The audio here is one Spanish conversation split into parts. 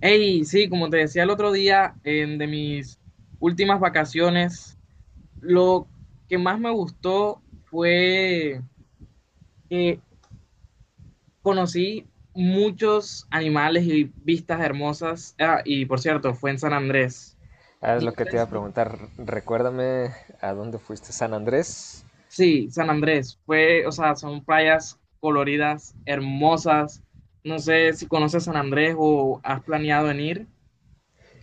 Hey, sí, como te decía el otro día, en de mis últimas vacaciones, lo que más me gustó fue que conocí muchos animales y vistas hermosas. Ah, y por cierto, fue en San Andrés. Ah, es No lo que te sé iba a si- preguntar. Recuérdame a dónde fuiste. ¿San Andrés? Sí, San Andrés. Fue, o sea, son playas coloridas, hermosas. No sé si conoces San Andrés o has planeado en ir.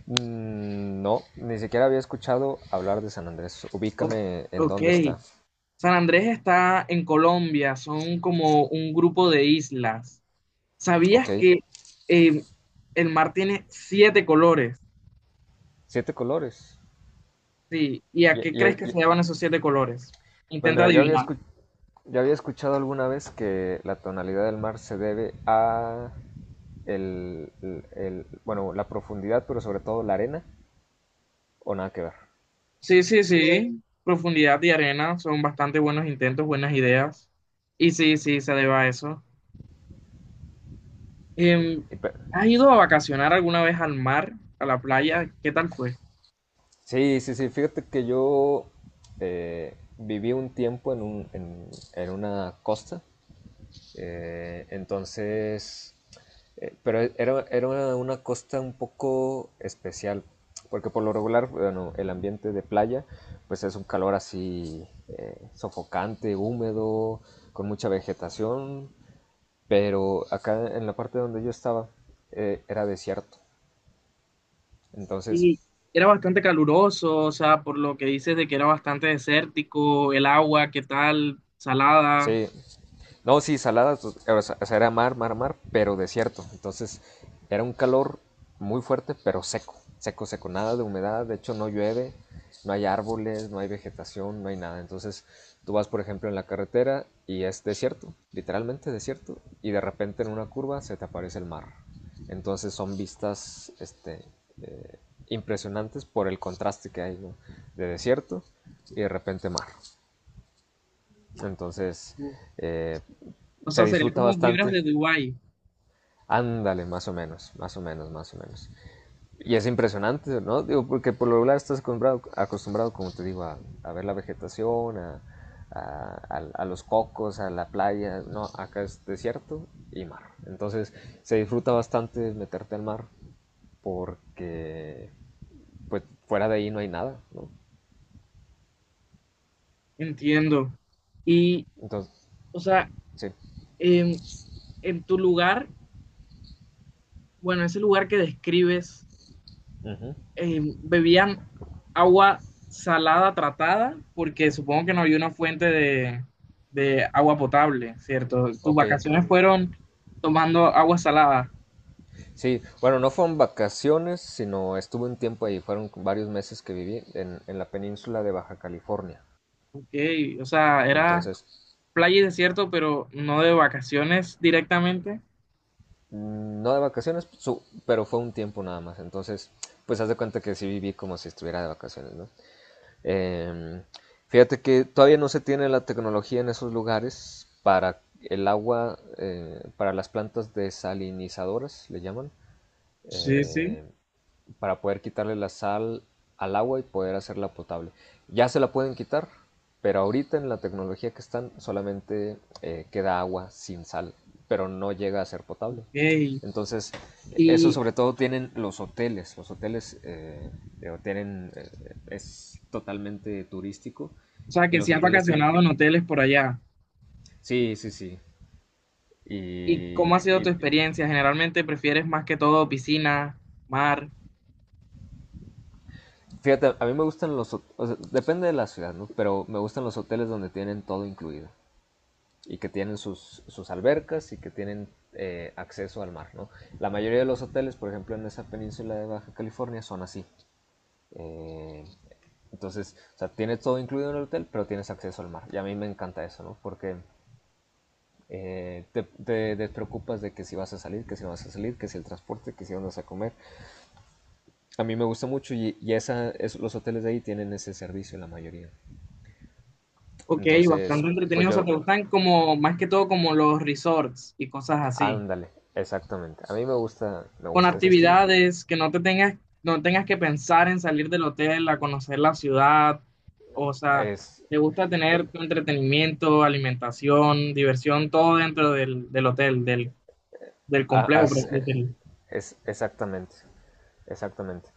Mm, no, ni siquiera había escuchado hablar de San Andrés. O- Ubícame en ok. dónde está. San Andrés está en Colombia, son como un grupo de islas. ¿Sabías Ok. que eh, el mar tiene siete colores? Siete colores. Sí. ¿Y a Y, qué crees y- que y- se llaman esos siete colores? pues Intenta mira, adivinar. Yo había escuchado alguna vez que la tonalidad del mar se debe a bueno, la profundidad, pero sobre todo la arena, o nada que ver. Sí, sí, sí. Profundidad y arena son bastante buenos intentos, buenas ideas. Y sí, sí, se debe a eso. Em, Y pe- ¿Has ido a vacacionar alguna vez al mar, a la playa? ¿Qué tal fue? Sí, sí, sí. Fíjate que yo viví un tiempo en una costa. Entonces, pero era una costa un poco especial. Porque por lo regular, bueno, el ambiente de playa, pues es un calor así, sofocante, húmedo, con mucha vegetación. Pero acá en la parte donde yo estaba, era desierto. Entonces, Y era bastante caluroso, o sea, por lo que dices de que era bastante desértico, el agua, ¿qué tal? Salada. sí. No, sí, salada, o sea, era mar, mar, mar, pero desierto. Entonces era un calor muy fuerte, pero seco, seco, seco, nada de humedad. De hecho, no llueve, no hay árboles, no hay vegetación, no hay nada. Entonces tú vas, por ejemplo, en la carretera y es desierto, literalmente desierto, y de repente en una curva se te aparece el mar. Entonces son vistas, este, eh, impresionantes, por el contraste que hay, ¿no? De desierto y de repente mar. Entonces, eh, O se sea, sería disfruta como vibras bastante. de Dubái, Ándale, más o menos, más o menos, más o menos. Y es impresionante, ¿no? Digo, porque por lo regular estás acostumbrado, como te digo, a ver la vegetación, a los cocos, a la playa. No, acá es desierto y mar. Entonces, se disfruta bastante meterte al mar porque, pues, fuera de ahí no hay nada, ¿no? entiendo. Y, Entonces, o sea, sí. en, en tu lugar, bueno, ese lugar que describes, Uh -huh. ¿Bebían agua salada tratada? Porque supongo que no había una fuente de agua potable, ¿cierto? Tus Ok, vacaciones fueron tomando agua salada. sí, bueno, no fueron vacaciones, sino estuve un tiempo ahí, fueron varios meses que viví en la península de Baja California. Ok, o sea, era Entonces, playa y desierto, pero no de vacaciones directamente. No de vacaciones, pero fue un tiempo nada más. Entonces, pues haz de cuenta que sí viví como si estuviera de vacaciones, ¿no? Em, Fíjate que todavía no se tiene la tecnología en esos lugares para el agua, para las plantas desalinizadoras, le llaman. Sí, sí. Eh, para poder quitarle la sal al agua y poder hacerla potable. Ya se la pueden quitar, pero ahorita en la tecnología que están, solamente queda agua sin sal, pero no llega a ser potable. Ey, Entonces, eso Y, sobre todo tienen los hoteles. Los hoteles, tienen, es totalmente turístico, o sea, y que los si has hoteles tienen... vacacionado en hoteles por allá. Sí, sí, sí. ¿Y cómo Y, ha sido tu y experiencia? ¿Generalmente prefieres más que todo piscina, mar? fíjate, a mí me gustan o sea, depende de la ciudad, ¿no? Pero me gustan los hoteles donde tienen todo incluido, y que tienen sus albercas y que tienen, acceso al mar, ¿no? La mayoría de los hoteles, por ejemplo, en esa península de Baja California son así. Eh, entonces, o sea, tienes todo incluido en el hotel, pero tienes acceso al mar. Y a mí me encanta eso, ¿no? Porque te, te despreocupas de que si vas a salir, que si no vas a salir, que si el transporte, que si dónde vas a comer. A mí me gusta mucho, y los hoteles de ahí tienen ese servicio la mayoría. Ok, Entonces, bastante pues entretenido. O sea, yo, te gustan como, más que todo como los resorts y cosas así. ándale, exactamente. A mí me gusta, Con ese estilo. actividades que no te tengas, no tengas que pensar en salir del hotel a conocer la ciudad. O sea, Es, te gusta eh, tener tu entretenimiento, alimentación, diversión, todo dentro del, del hotel, del, del complejo, por as- así eh, decirlo. es exactamente, exactamente.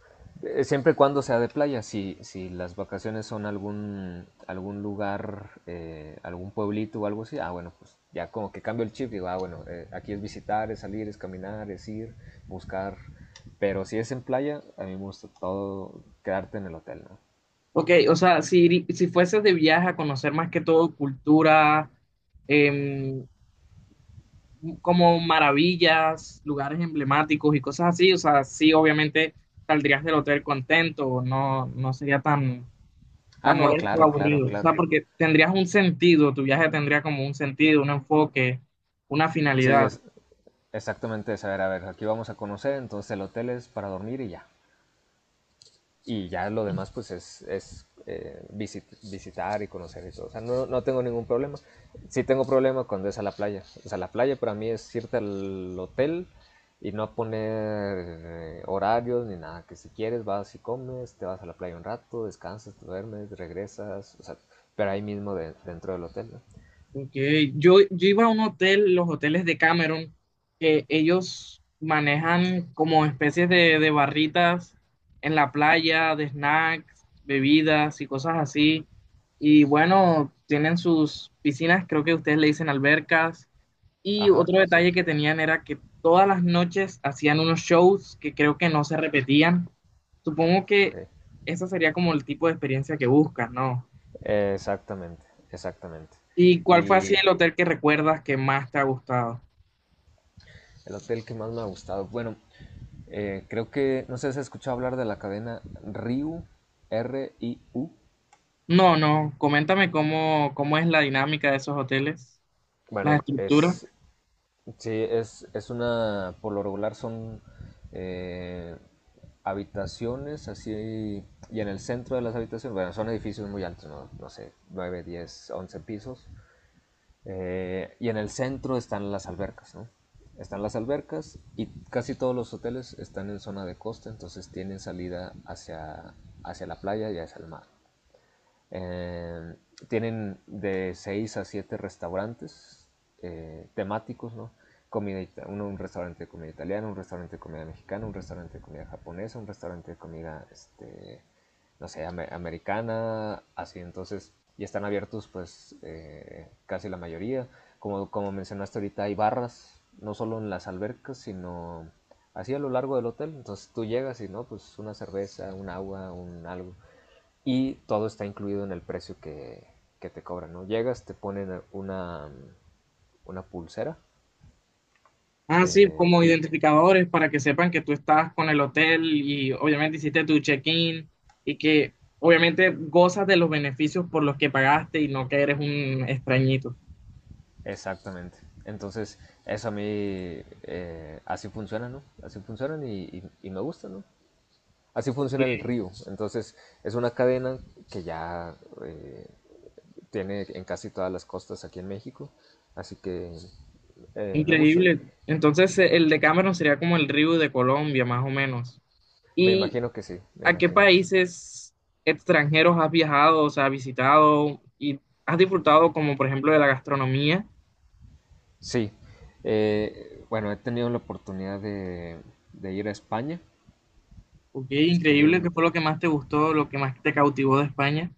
Siempre y cuando sea de playa. Si, las vacaciones son algún, lugar, algún pueblito o algo así, ah, bueno, pues ya como que cambio el chip. Digo, ah, bueno, aquí es visitar, es salir, es caminar, es ir, buscar. Pero si es en playa, a mí me gusta todo quedarte en el hotel, ¿no? Ok, o sea, si, si fueses de viaje a conocer más que todo cultura, em, como maravillas, lugares emblemáticos y cosas así, o sea, sí, obviamente saldrías del hotel contento, no, no sería tan está Ah, no, molesto, claro, claro, aburrido. O sea, claro. porque tendrías un sentido, tu viaje tendría como un sentido, un enfoque, una Sí, finalidad. Exactamente. Es, a ver, aquí vamos a conocer, entonces el hotel es para dormir y ya. Y ya lo demás, pues es, visitar y conocer y todo. O sea, no, no, tengo ningún problema. Sí tengo problema cuando es a la playa. O sea, la playa para mí es irte al hotel y no poner, horarios ni nada. Que si quieres vas y comes, te vas a la playa un rato, descansas, te duermes, regresas. O sea, pero ahí mismo, dentro del hotel, ¿no? Okay. Yo iba a un hotel, los hoteles de Cameron, que ellos manejan como especies de barritas en la playa, de snacks, bebidas y cosas así. Y bueno, tienen sus piscinas, creo que ustedes le dicen albercas. Y Ajá, otro sí. detalle que tenían era que todas las noches hacían unos shows que creo que no se repetían. Supongo que Okay. esa sería como el tipo de experiencia que buscas, ¿no? Exactamente, exactamente. ¿Y cuál fue así sí, Y el hotel que recuerdas que más te ha gustado? el hotel que más me ha gustado, bueno, creo que, no sé si has escuchado hablar de la cadena Ryu, RIU. R I U. No, no, coméntame cómo, cómo es la dinámica de esos hoteles, las Bueno, estructuras. Sí, es una, por lo regular son, eh, habitaciones así, y en el centro de las habitaciones, bueno, son edificios muy altos, no, no sé, 9 10 11 pisos, y en el centro están las albercas, ¿no? Están las albercas y casi todos los hoteles están en zona de costa, entonces tienen salida hacia, la playa y hacia el mar. Eh, Tienen de 6 a 7 restaurantes, temáticos, ¿no? Comida, un restaurante de comida italiana, un restaurante de comida mexicana, un restaurante de comida japonesa, un restaurante de comida, este, no sé, am americana, así. Entonces, y están abiertos, pues, casi la mayoría. Como mencionaste ahorita, hay barras, no solo en las albercas, sino así a lo largo del hotel. Entonces tú llegas y, no, pues una cerveza, un agua, un algo, y todo está incluido en el precio que, te cobran, ¿no? Llegas, te ponen una, pulsera, Ah, sí, como y identificadores para que sepan que tú estás con el hotel y obviamente hiciste tu check-in y que obviamente gozas de los beneficios por los que pagaste y no que eres un extrañito. exactamente. Entonces, eso a mí, así funciona, ¿no? Así funcionan y, me gusta, ¿no? Así Ok, funciona el río. Entonces, es una cadena que ya, eh, tiene en casi todas las costas aquí en México. Así que, me gusta. increíble. Entonces, el Decameron sería como el río de Colombia, más o menos. Me ¿Y imagino que sí, me a qué imagino que sí. países extranjeros has viajado, o sea, has visitado y has disfrutado, como por ejemplo, de la gastronomía? Sí, bueno, he tenido la oportunidad de, ir a España. Ok, Estuve increíble. ¿Qué un... fue lo que más te gustó, lo que más te cautivó de España?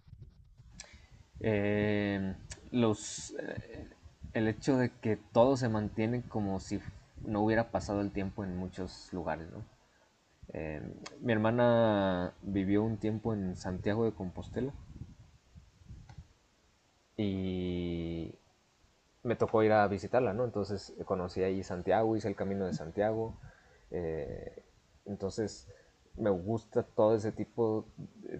eh, los... eh, el hecho de que todo se mantiene como si no hubiera pasado el tiempo en muchos lugares, ¿no? Eh, Mi hermana vivió un tiempo en Santiago de Compostela y me tocó ir a visitarla, ¿no? Entonces, conocí ahí Santiago, hice el camino de Santiago. eh, entonces me gusta todo ese tipo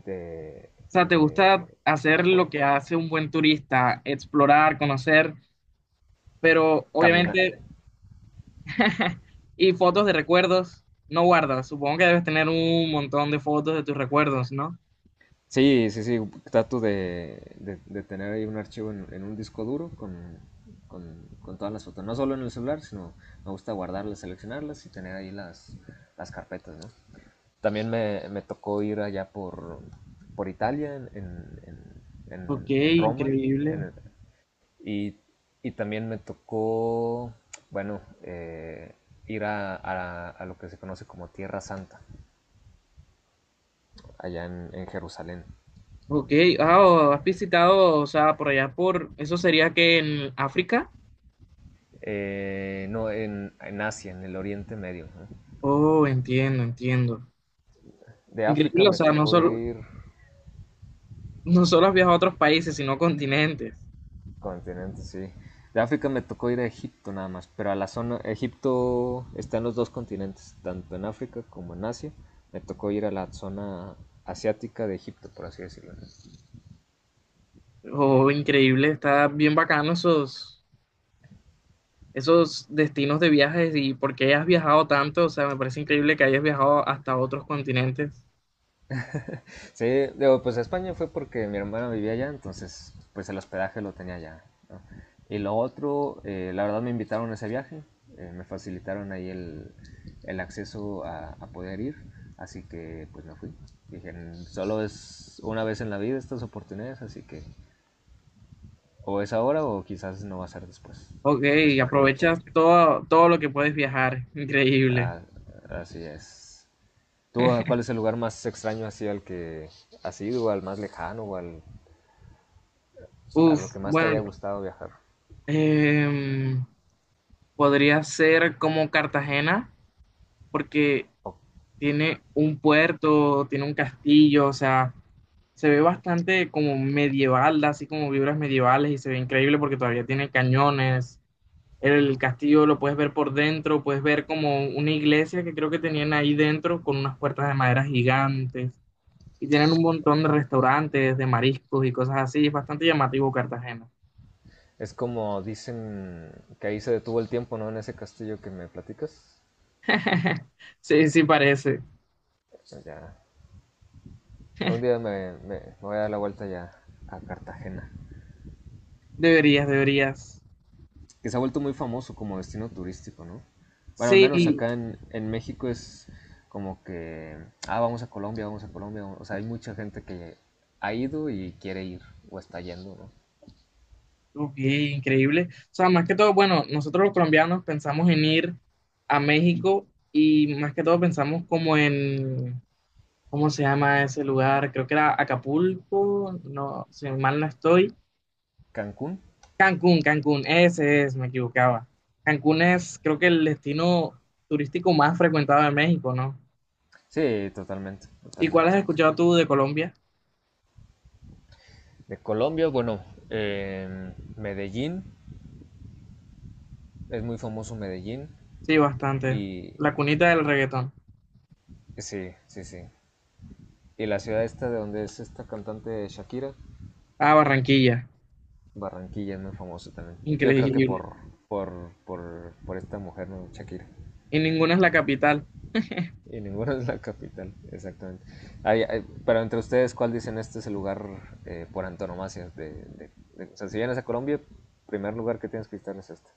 de, O sea, ¿te de- gusta de hacer po- lo que hace un buen turista, explorar, conocer, pero caminar. obviamente, y fotos de recuerdos no guardas? Supongo que debes tener un montón de fotos de tus recuerdos, ¿no? Sí, sí, sí, trato de tener ahí un archivo en un disco duro con todas las fotos, no solo en el celular, sino me gusta guardarlas, seleccionarlas y tener ahí las, carpetas, ¿no? También me tocó ir allá por, Italia, en, en, Ok, en, en Roma, en increíble. el- y, también me tocó, bueno, ir a, lo que se conoce como Tierra Santa, allá en Jerusalén. Ok, ah, oh, has visitado, o sea, por allá por, ¿eso sería que en África? No, en Asia, en el Oriente Medio, ¿no? Oh, entiendo, entiendo. De África Increíble, o me sea, no tocó solo, ir. no solo has viajado a otros países, sino continentes. Continente, sí. De África me tocó ir a Egipto nada más, pero a la zona, Egipto está en los dos continentes, tanto en África como en Asia. Me tocó ir a la zona asiática de Egipto, por así decirlo. Oh, increíble, está bien bacano esos, esos destinos de viajes y porque has viajado tanto, o sea, me parece increíble que hayas viajado hasta otros continentes. Sí, digo, pues a España fue porque mi hermana vivía allá, entonces pues el hospedaje lo tenía allá, ¿no? Y lo otro, la verdad me invitaron a ese viaje, me facilitaron ahí el acceso a poder ir, así que pues me fui. Dije, solo es una vez en la vida estas oportunidades, así que o es ahora o quizás no va a ser después. Ok, Así que aproveché. aprovechas todo, todo lo que puedes viajar, increíble. Ah, así es. ¿Tú, cuál es el lugar más extraño así al que has ido, o al más lejano, a lo Uf, que más te haya bueno, gustado viajar? em, podría ser como Cartagena, porque O- tiene un puerto, tiene un castillo, o sea, se ve bastante como medieval, así como vibras medievales y se ve increíble porque todavía tiene cañones. El castillo lo puedes ver por dentro, puedes ver como una iglesia que creo que tenían ahí dentro con unas puertas de madera gigantes y tienen un montón de restaurantes, de mariscos y cosas así. Es bastante llamativo Cartagena. es como dicen que ahí se detuvo el tiempo, ¿no? En ese castillo que me platicas. Sí, sí parece. Ya. Un día me voy a dar la vuelta ya a Cartagena. Deberías, deberías. Que se ha vuelto muy famoso como destino turístico, ¿no? Bueno, al menos Sí, acá en México es como que, ah, vamos a Colombia, o sea, hay mucha gente que ha ido y quiere ir o está yendo, ¿no? ok, increíble. O sea, más que todo, bueno, nosotros los colombianos pensamos en ir a México y más que todo pensamos como en, ¿cómo se llama ese lugar? Creo que era Acapulco, no, si mal no estoy. Cancún, Cancún, Cancún, ese es, me equivocaba. Cancún es, creo que el destino turístico más frecuentado de México, ¿no? sí, totalmente, ¿Y cuál has totalmente. escuchado tú de Colombia? De Colombia, bueno, Medellín, es muy famoso Medellín. Sí, bastante. Y La cunita del reggaetón. sí, sí, sí. Y la ciudad esta de donde es esta cantante Shakira, Ah, Barranquilla. Barranquilla, es muy famoso también. Yo creo que Increíble. por, esta mujer, ¿no? Shakira. Y ninguna es la capital. Y ninguna es la capital, exactamente. Ay, ay, pero entre ustedes, ¿cuál dicen este es el lugar, por antonomasia? O sea, si vienes a Colombia, primer lugar que tienes que visitar es este.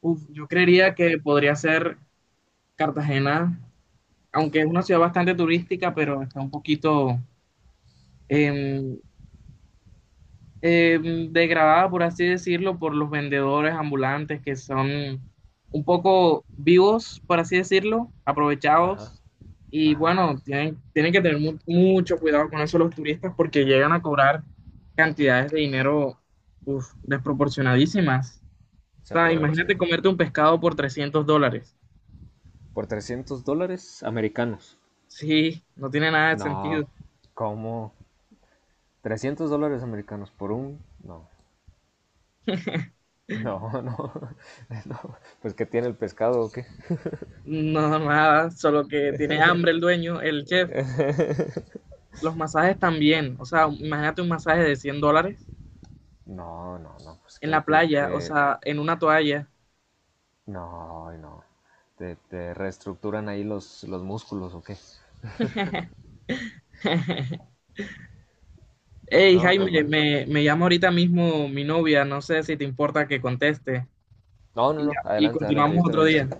Uf, yo creería Co- que podría ser Cartagena, aunque es una Cartagena. ciudad bastante turística, pero está un poquito em, degradada, por así decirlo, por los vendedores ambulantes que son un poco vivos, por así decirlo, Ajá, aprovechados. Y ajá. bueno, tienen, tienen que tener mucho cuidado con eso los turistas porque llegan a cobrar cantidades de dinero uf, desproporcionadísimas. Se O sea, aprovechan. imagínate comerte un pescado por $300. Por $300 americanos. Sí, no tiene nada de sentido. No, ¿cómo? $300 americanos por un... No, no, no, no, pues qué tiene el pescado o qué. No, nada, solo que tiene hambre el dueño, el chef. Los masajes también, o sea, imagínate un masaje de $100 No, no, no, pues en que la te, playa, o sea, en una toalla. no, ay, no, te reestructuran ahí los, músculos o qué. Hey, no, No, pues Jaime, bueno. me llama ahorita mismo mi novia, no sé si te importa que conteste. No, no, Y, no, y adelante, adelante, yo continuamos otro también estoy. día.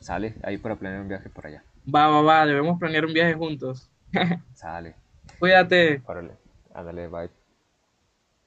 Sale, ahí para planear un viaje por allá. Va, va, va, debemos planear un viaje juntos. Sale, Cuídate. órale, ándale, bye.